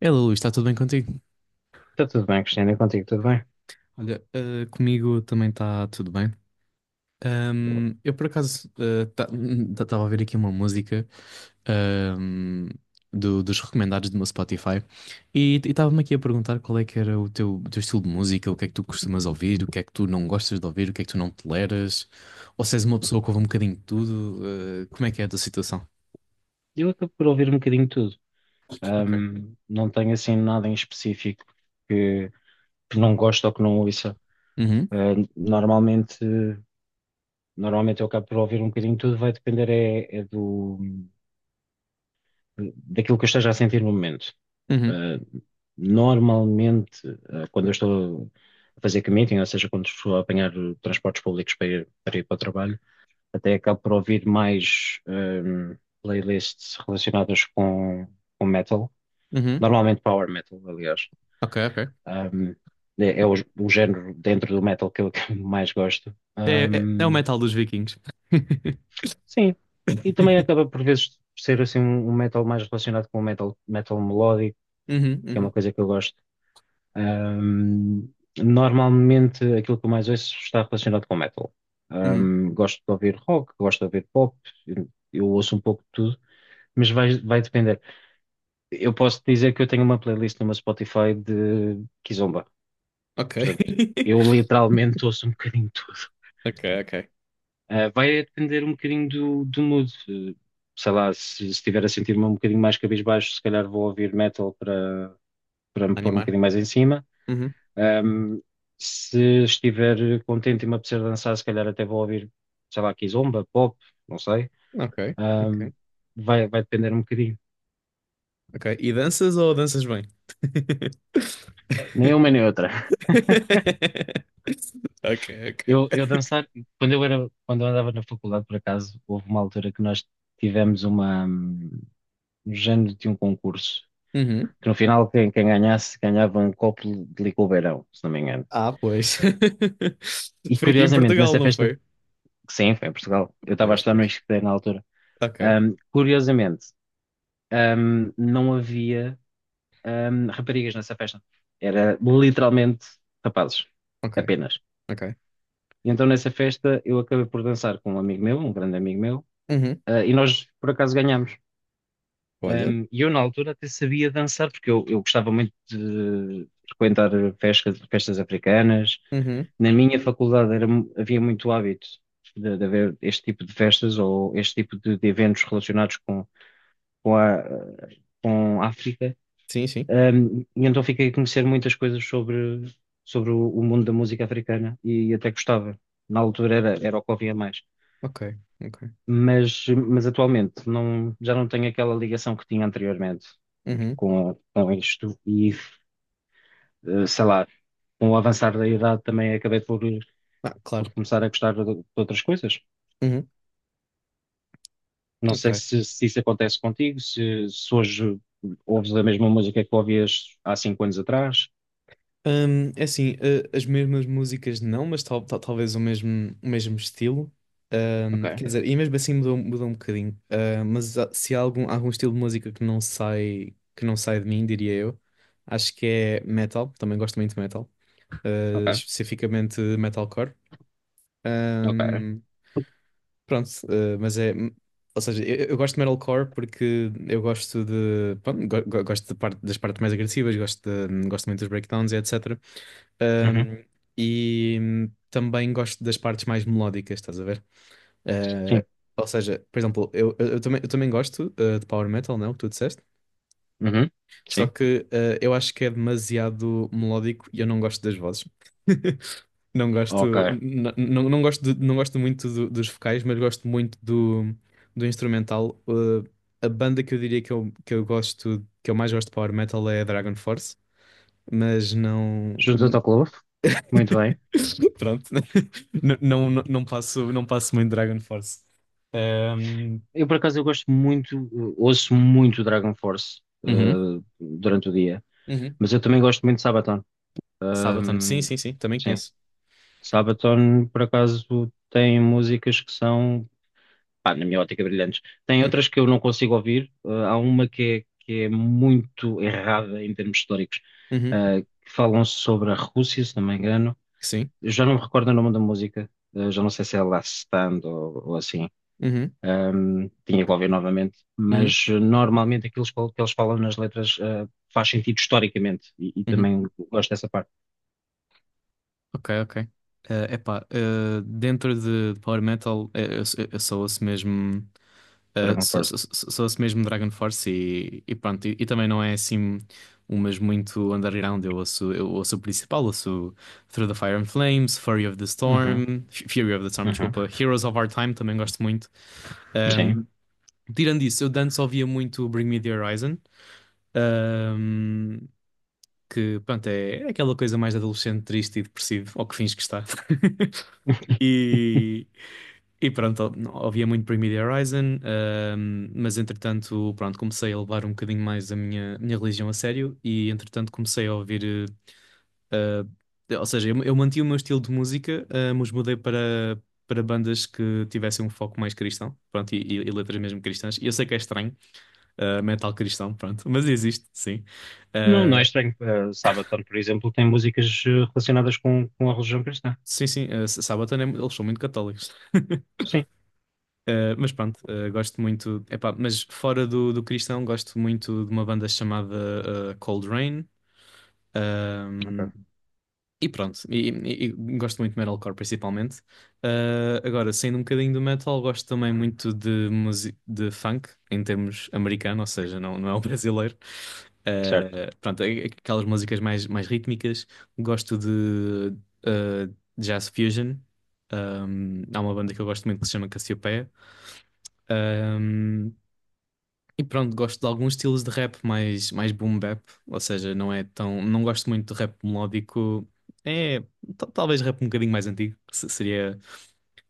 Ela, Luís, está tudo bem contigo? Está tudo bem, Cristiano, e contigo, tudo bem? Olha, comigo também está tudo bem. Boa. Eu, por acaso, estava a ouvir aqui uma música, ahm, dos recomendados do meu Spotify e estava-me aqui a perguntar qual é que era o teu estilo de música, o que é que tu costumas ouvir, o que é que tu não gostas de ouvir, o que é que tu não toleras, ou se és uma pessoa que ouve um bocadinho de tudo, como é que é a tua situação? Eu acabo por ouvir um bocadinho de tudo. Ok. Não tenho assim nada em específico que, que não gosto ou que não ouça. Uhum, Ah, normalmente, normalmente eu acabo por ouvir um bocadinho de tudo, vai depender é do, daquilo que eu esteja a sentir no momento. uhum, Ah, normalmente, quando eu estou a fazer commuting, ou seja, quando estou a apanhar transportes públicos para ir para o trabalho, até acabo por ouvir mais playlists relacionadas com metal, uhum. normalmente power metal, aliás. Ok, ok. Hum, é o género dentro do metal que eu mais gosto. É o metal dos vikings. Sim, e também acaba por vezes ser assim um metal mais relacionado com o metal, metal melódico, Uhum, que é uma uhum. coisa que eu gosto. Hum, Normalmente aquilo que eu mais ouço está relacionado com metal. Uhum. Gosto de ouvir rock, gosto de ouvir pop, eu ouço um pouco de tudo, mas vai depender. Eu posso dizer que eu tenho uma playlist numa Spotify de Kizomba. Ok. Portanto, eu literalmente ouço um bocadinho de tudo. Ok, ok. Ah, vai depender um bocadinho do mood. Sei lá, se estiver a sentir-me um bocadinho mais cabisbaixo, se calhar vou ouvir metal para, para me pôr um Animar. bocadinho mais em cima. Uhum. Ahm, Se estiver contente e me apetecer dançar, se calhar até vou ouvir, sei lá, Kizomba, pop, não sei. Ok, Ahm, ok, vai depender um bocadinho. ok. E danças ou danças bem? Nem uma nem outra. Ok, ok. Eu dançar, quando eu andava na faculdade, por acaso, houve uma altura que nós tivemos um género de um concurso, Uhum. que no final quem ganhasse ganhava um copo de licor beirão, se não me engano. Ah, pois. E Foi aqui em curiosamente, Portugal, nessa não festa, foi? sim, foi em Portugal, eu estava a Pois, estudar no pois. ISCTE na altura, Ok, hum, curiosamente, não havia, raparigas nessa festa. Era literalmente rapazes, ok, apenas. ok. E então nessa festa eu acabei por dançar com um amigo meu, um grande amigo meu, Uhum. ah, e nós por acaso ganhámos. Olha. E eu, na altura, até sabia dançar, porque eu gostava muito de frequentar festas africanas. Uhum. Na minha faculdade havia muito hábito de haver este tipo de festas ou este tipo de eventos relacionados com a, com a África. Sim, sim. E então fiquei a conhecer muitas coisas sobre o mundo da música africana e até gostava. Na altura era o que ouvia mais. Ok, ok. Mas atualmente não, já não tenho aquela ligação que tinha anteriormente Uhum. Com isto e, sei lá, com o avançar da idade também acabei Ah, claro. por começar a gostar de outras coisas. Uhum. Não sei Ok. Se isso acontece contigo, se hoje ouves a mesma música que ouvias há cinco anos atrás. É assim, as mesmas músicas não, mas talvez o mesmo estilo. Ok, Quer dizer, e mesmo assim mudou um bocadinho. Ah, mas se há algum estilo de música que que não sai de mim, diria eu, acho que é metal. Também gosto muito de metal, ok, especificamente metalcore. ok. Hum. Pronto, mas é. Ou seja, eu gosto de metalcore porque eu gosto de. Pronto, gosto das partes mais agressivas, gosto, gosto muito dos breakdowns e etc. Uhum, Um, e também gosto das partes mais melódicas, estás a ver? sim, Uh, ou seja, por exemplo, eu também gosto, de power metal, não? É o que tu disseste, uhum, só sim. que eu acho que é demasiado melódico e eu não gosto das vozes. Não gosto, Ok. Não gosto, não gosto muito dos vocais, mas gosto muito do instrumental. Eh, a banda que eu diria que que eu gosto, que eu mais gosto de power metal é a Dragon Force, mas não. Junta-te ao clube. Muito bem. Pronto, não, não, não passo muito Dragon Force. Ehm, Eu, por acaso, eu gosto muito, ouço muito Dragon Force, Uhum. durante o dia, Uhum. mas eu também gosto muito de Sabaton. Sabaton, sim, Hum, sim, sim, também Sim. conheço. Sabaton, por acaso, tem músicas que são, pá, na minha ótica, brilhantes. Tem Uhum. outras que eu não consigo ouvir. Há uma que é muito errada em termos históricos, Uhum. Que falam sobre a Rússia, se não me engano. Sim. Eu já não me recordo o nome da música, já não sei se é Last Stand ou assim. Uhum. Tinha que ouvir novamente, Uhum, mas normalmente aquilo que eles falam nas letras, faz sentido historicamente e uhum. também gosto dessa parte, Ok, ok. Eh, epá, dentro de Power Metal, eu só ouço mesmo, Dragon Force. Só ouço mesmo Dragon Force e pronto. E também não é assim umas muito underground. Eu ouço o principal, ouço Through the Fire and Flames, Fury of the Uhum, Storm, Fury of the Storm, uhum, desculpa, Heroes of Our Time também gosto muito. sim. Ahm, tirando isso, eu de antes ouvia muito Bring Me the Horizon. Um, que pronto, é aquela coisa mais de adolescente, triste e depressivo, ou que fins que está. E, e pronto, ouvia muito Bring Me The Horizon, mas entretanto, pronto, comecei a levar um bocadinho mais a minha religião a sério e entretanto comecei a ouvir, eh, ou seja, eu mantive o meu estilo de música, mas mudei para bandas que tivessem um foco mais cristão, pronto, e letras mesmo cristãs. E eu sei que é estranho, metal cristão, pronto, mas existe, sim. Não, não é Ah, estranho. Sabaton, por exemplo, tem músicas relacionadas com a religião cristã. sim, sim, Sabaton, eles são muito católicos. Sim, Eh, mas pronto, gosto muito. Epá, mas fora do cristão, gosto muito de uma banda chamada, Cold Rain. ok, E pronto, e gosto muito de metalcore, principalmente. Ah, agora, saindo um bocadinho do metal, gosto também muito de funk, em termos americano, ou seja, não, não é o brasileiro. certo. Ah, pronto, aquelas músicas mais, mais rítmicas. Gosto de, ah, jazz fusion. Há uma banda que eu gosto muito que se chama Cassiopeia. Ah, e pronto, gosto de alguns estilos de rap mais, mais boom bap, ou seja, não é tão, não gosto muito de rap melódico. É, talvez rap um bocadinho mais antigo, seria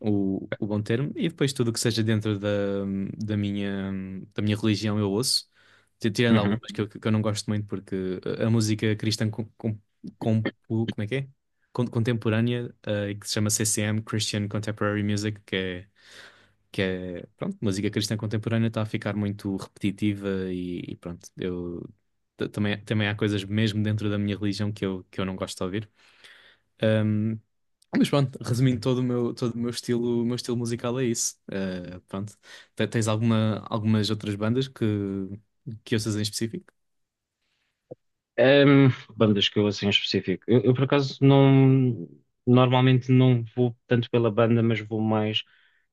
o bom termo. E depois tudo o que seja dentro da, da minha, da minha religião eu ouço, tirando Uhum. algumas que que eu não gosto muito, porque a música cristã com, como é que é? Contemporânea, que se chama CCM, Christian Contemporary Music, que é, pronto, música cristã contemporânea está a ficar muito repetitiva e pronto, eu também há coisas mesmo dentro da minha religião que que eu não gosto de ouvir. Ahm, mas pronto, resumindo todo o meu estilo musical é isso. Ah, pronto. Tens algumas outras bandas que ouças em específico? Ehm, Bandas que eu assim em específico. Por acaso normalmente não vou tanto pela banda, mas vou mais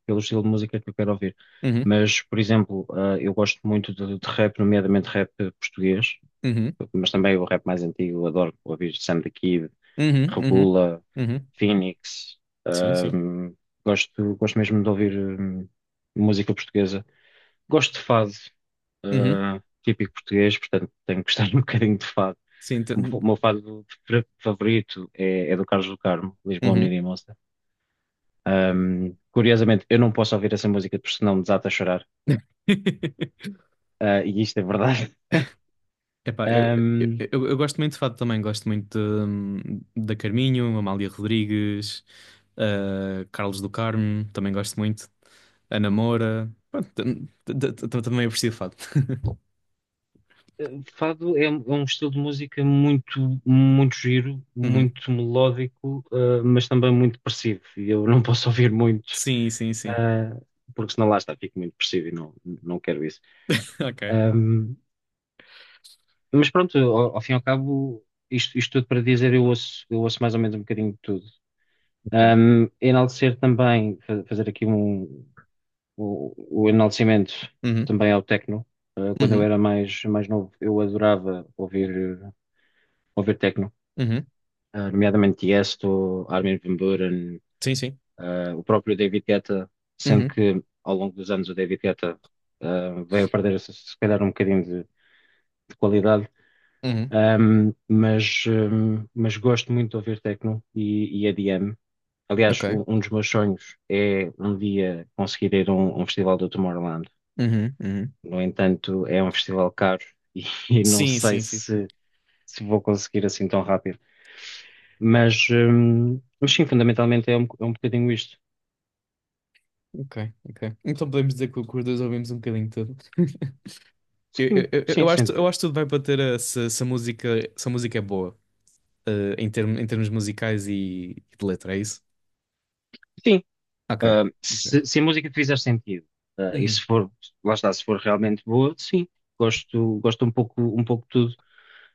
pelo estilo de música que eu quero ouvir. Uhum, Mas, por exemplo, eu gosto muito de rap, nomeadamente rap português, uhum, mas também o rap mais antigo, eu adoro ouvir Sam the Kid, uhum, uhum, Regula, uhum. Phoenix. Sim, sim. Ahm, gosto mesmo de ouvir hum, música portuguesa. Gosto de fado, Uhum. ah, típico português, portanto tenho que gostar um bocadinho de fado. Sim, O meu favorito é do Carlos do Carmo, Lisboa, uhum. Unida e Moça. Curiosamente, eu não posso ouvir essa música porque senão me desata a chorar. Ah, e isto é verdade. Epá, eu, eu, eu, eu gosto muito de fado também, gosto muito, da Carminho, Amália Rodrigues, Carlos do Carmo, também gosto muito, Ana Moura, pronto, também aprecio fado. Fado é um estilo de música muito giro, Uhum. muito melódico, ah, mas também muito depressivo. E eu não posso ouvir muito, Sim, sim, sim. ah, porque senão lá está, fico muito depressivo e não, não quero isso. Ok, Ahm, mas pronto, ao fim e ao cabo, isto tudo para dizer, eu ouço mais ou menos um bocadinho de tudo. ok. Enaltecer também, fazer aqui o enaltecimento Uhum, também ao techno. Ah, quando eu uhum, era mais novo, eu adorava ouvir techno, uhum. ah, nomeadamente Tiesto, Armin van Buuren, Sim, sim. ah, o próprio David Guetta, sendo Uhum, que ao longo dos anos o David Guetta ah, veio a perder se calhar um bocadinho de qualidade. uhum. Mas gosto muito de ouvir techno e EDM. Aliás, Ok. Um dos meus sonhos é um dia conseguir ir a um festival do Tomorrowland. Uhum, uhum. No entanto, é um festival caro e, e não Sim, sei sim, sim, sim. Se vou conseguir assim tão rápido. Mas sim, fundamentalmente é é um bocadinho isto. Ok, ok. Então podemos dizer que que os dois ouvimos um bocadinho de tudo. Eu, Sim, eu, eu sim, eu sem acho, eu dúvida. acho que tudo vai bater a, se a música é boa. Em termos musicais e de letra, é isso? Sim, Ok. ah, Ok. se a música te fizer sentido, ah, e se Uhum. for, lá está, se for realmente boa, sim, gosto um pouco de tudo.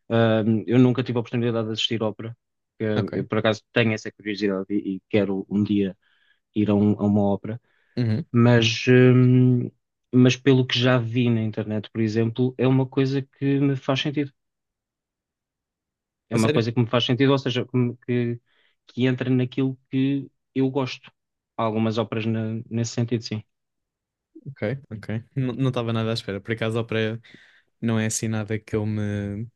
Ah, eu nunca tive a oportunidade de assistir ópera, que eu Ok. por acaso tenho essa curiosidade e quero um dia ir a uma ópera, Uhum. mas, hum, mas pelo que já vi na internet, por exemplo, é uma coisa que me faz sentido. É A uma sério? coisa que me faz sentido, ou seja, que entra naquilo que eu gosto. Há algumas óperas nesse sentido, sim. Ok, ok. Não estava nada à espera. Por acaso, a Operário não é assim nada que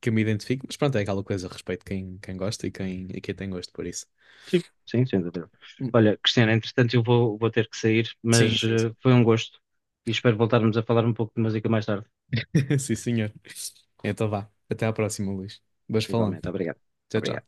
que eu me identifique, mas pronto, é aquela coisa, respeito quem gosta e e quem tem gosto por isso. Sim, sim, sem dúvida. Hum, Olha, Cristiana, entretanto vou ter que sair, sim, mas sim, sim. foi um gosto e espero voltarmos a falar um pouco de música mais tarde. Sim, senhor. Então vá. Até à próxima, Luís. Vais falando. Igualmente, obrigado. Tchau, tchau. Obrigado.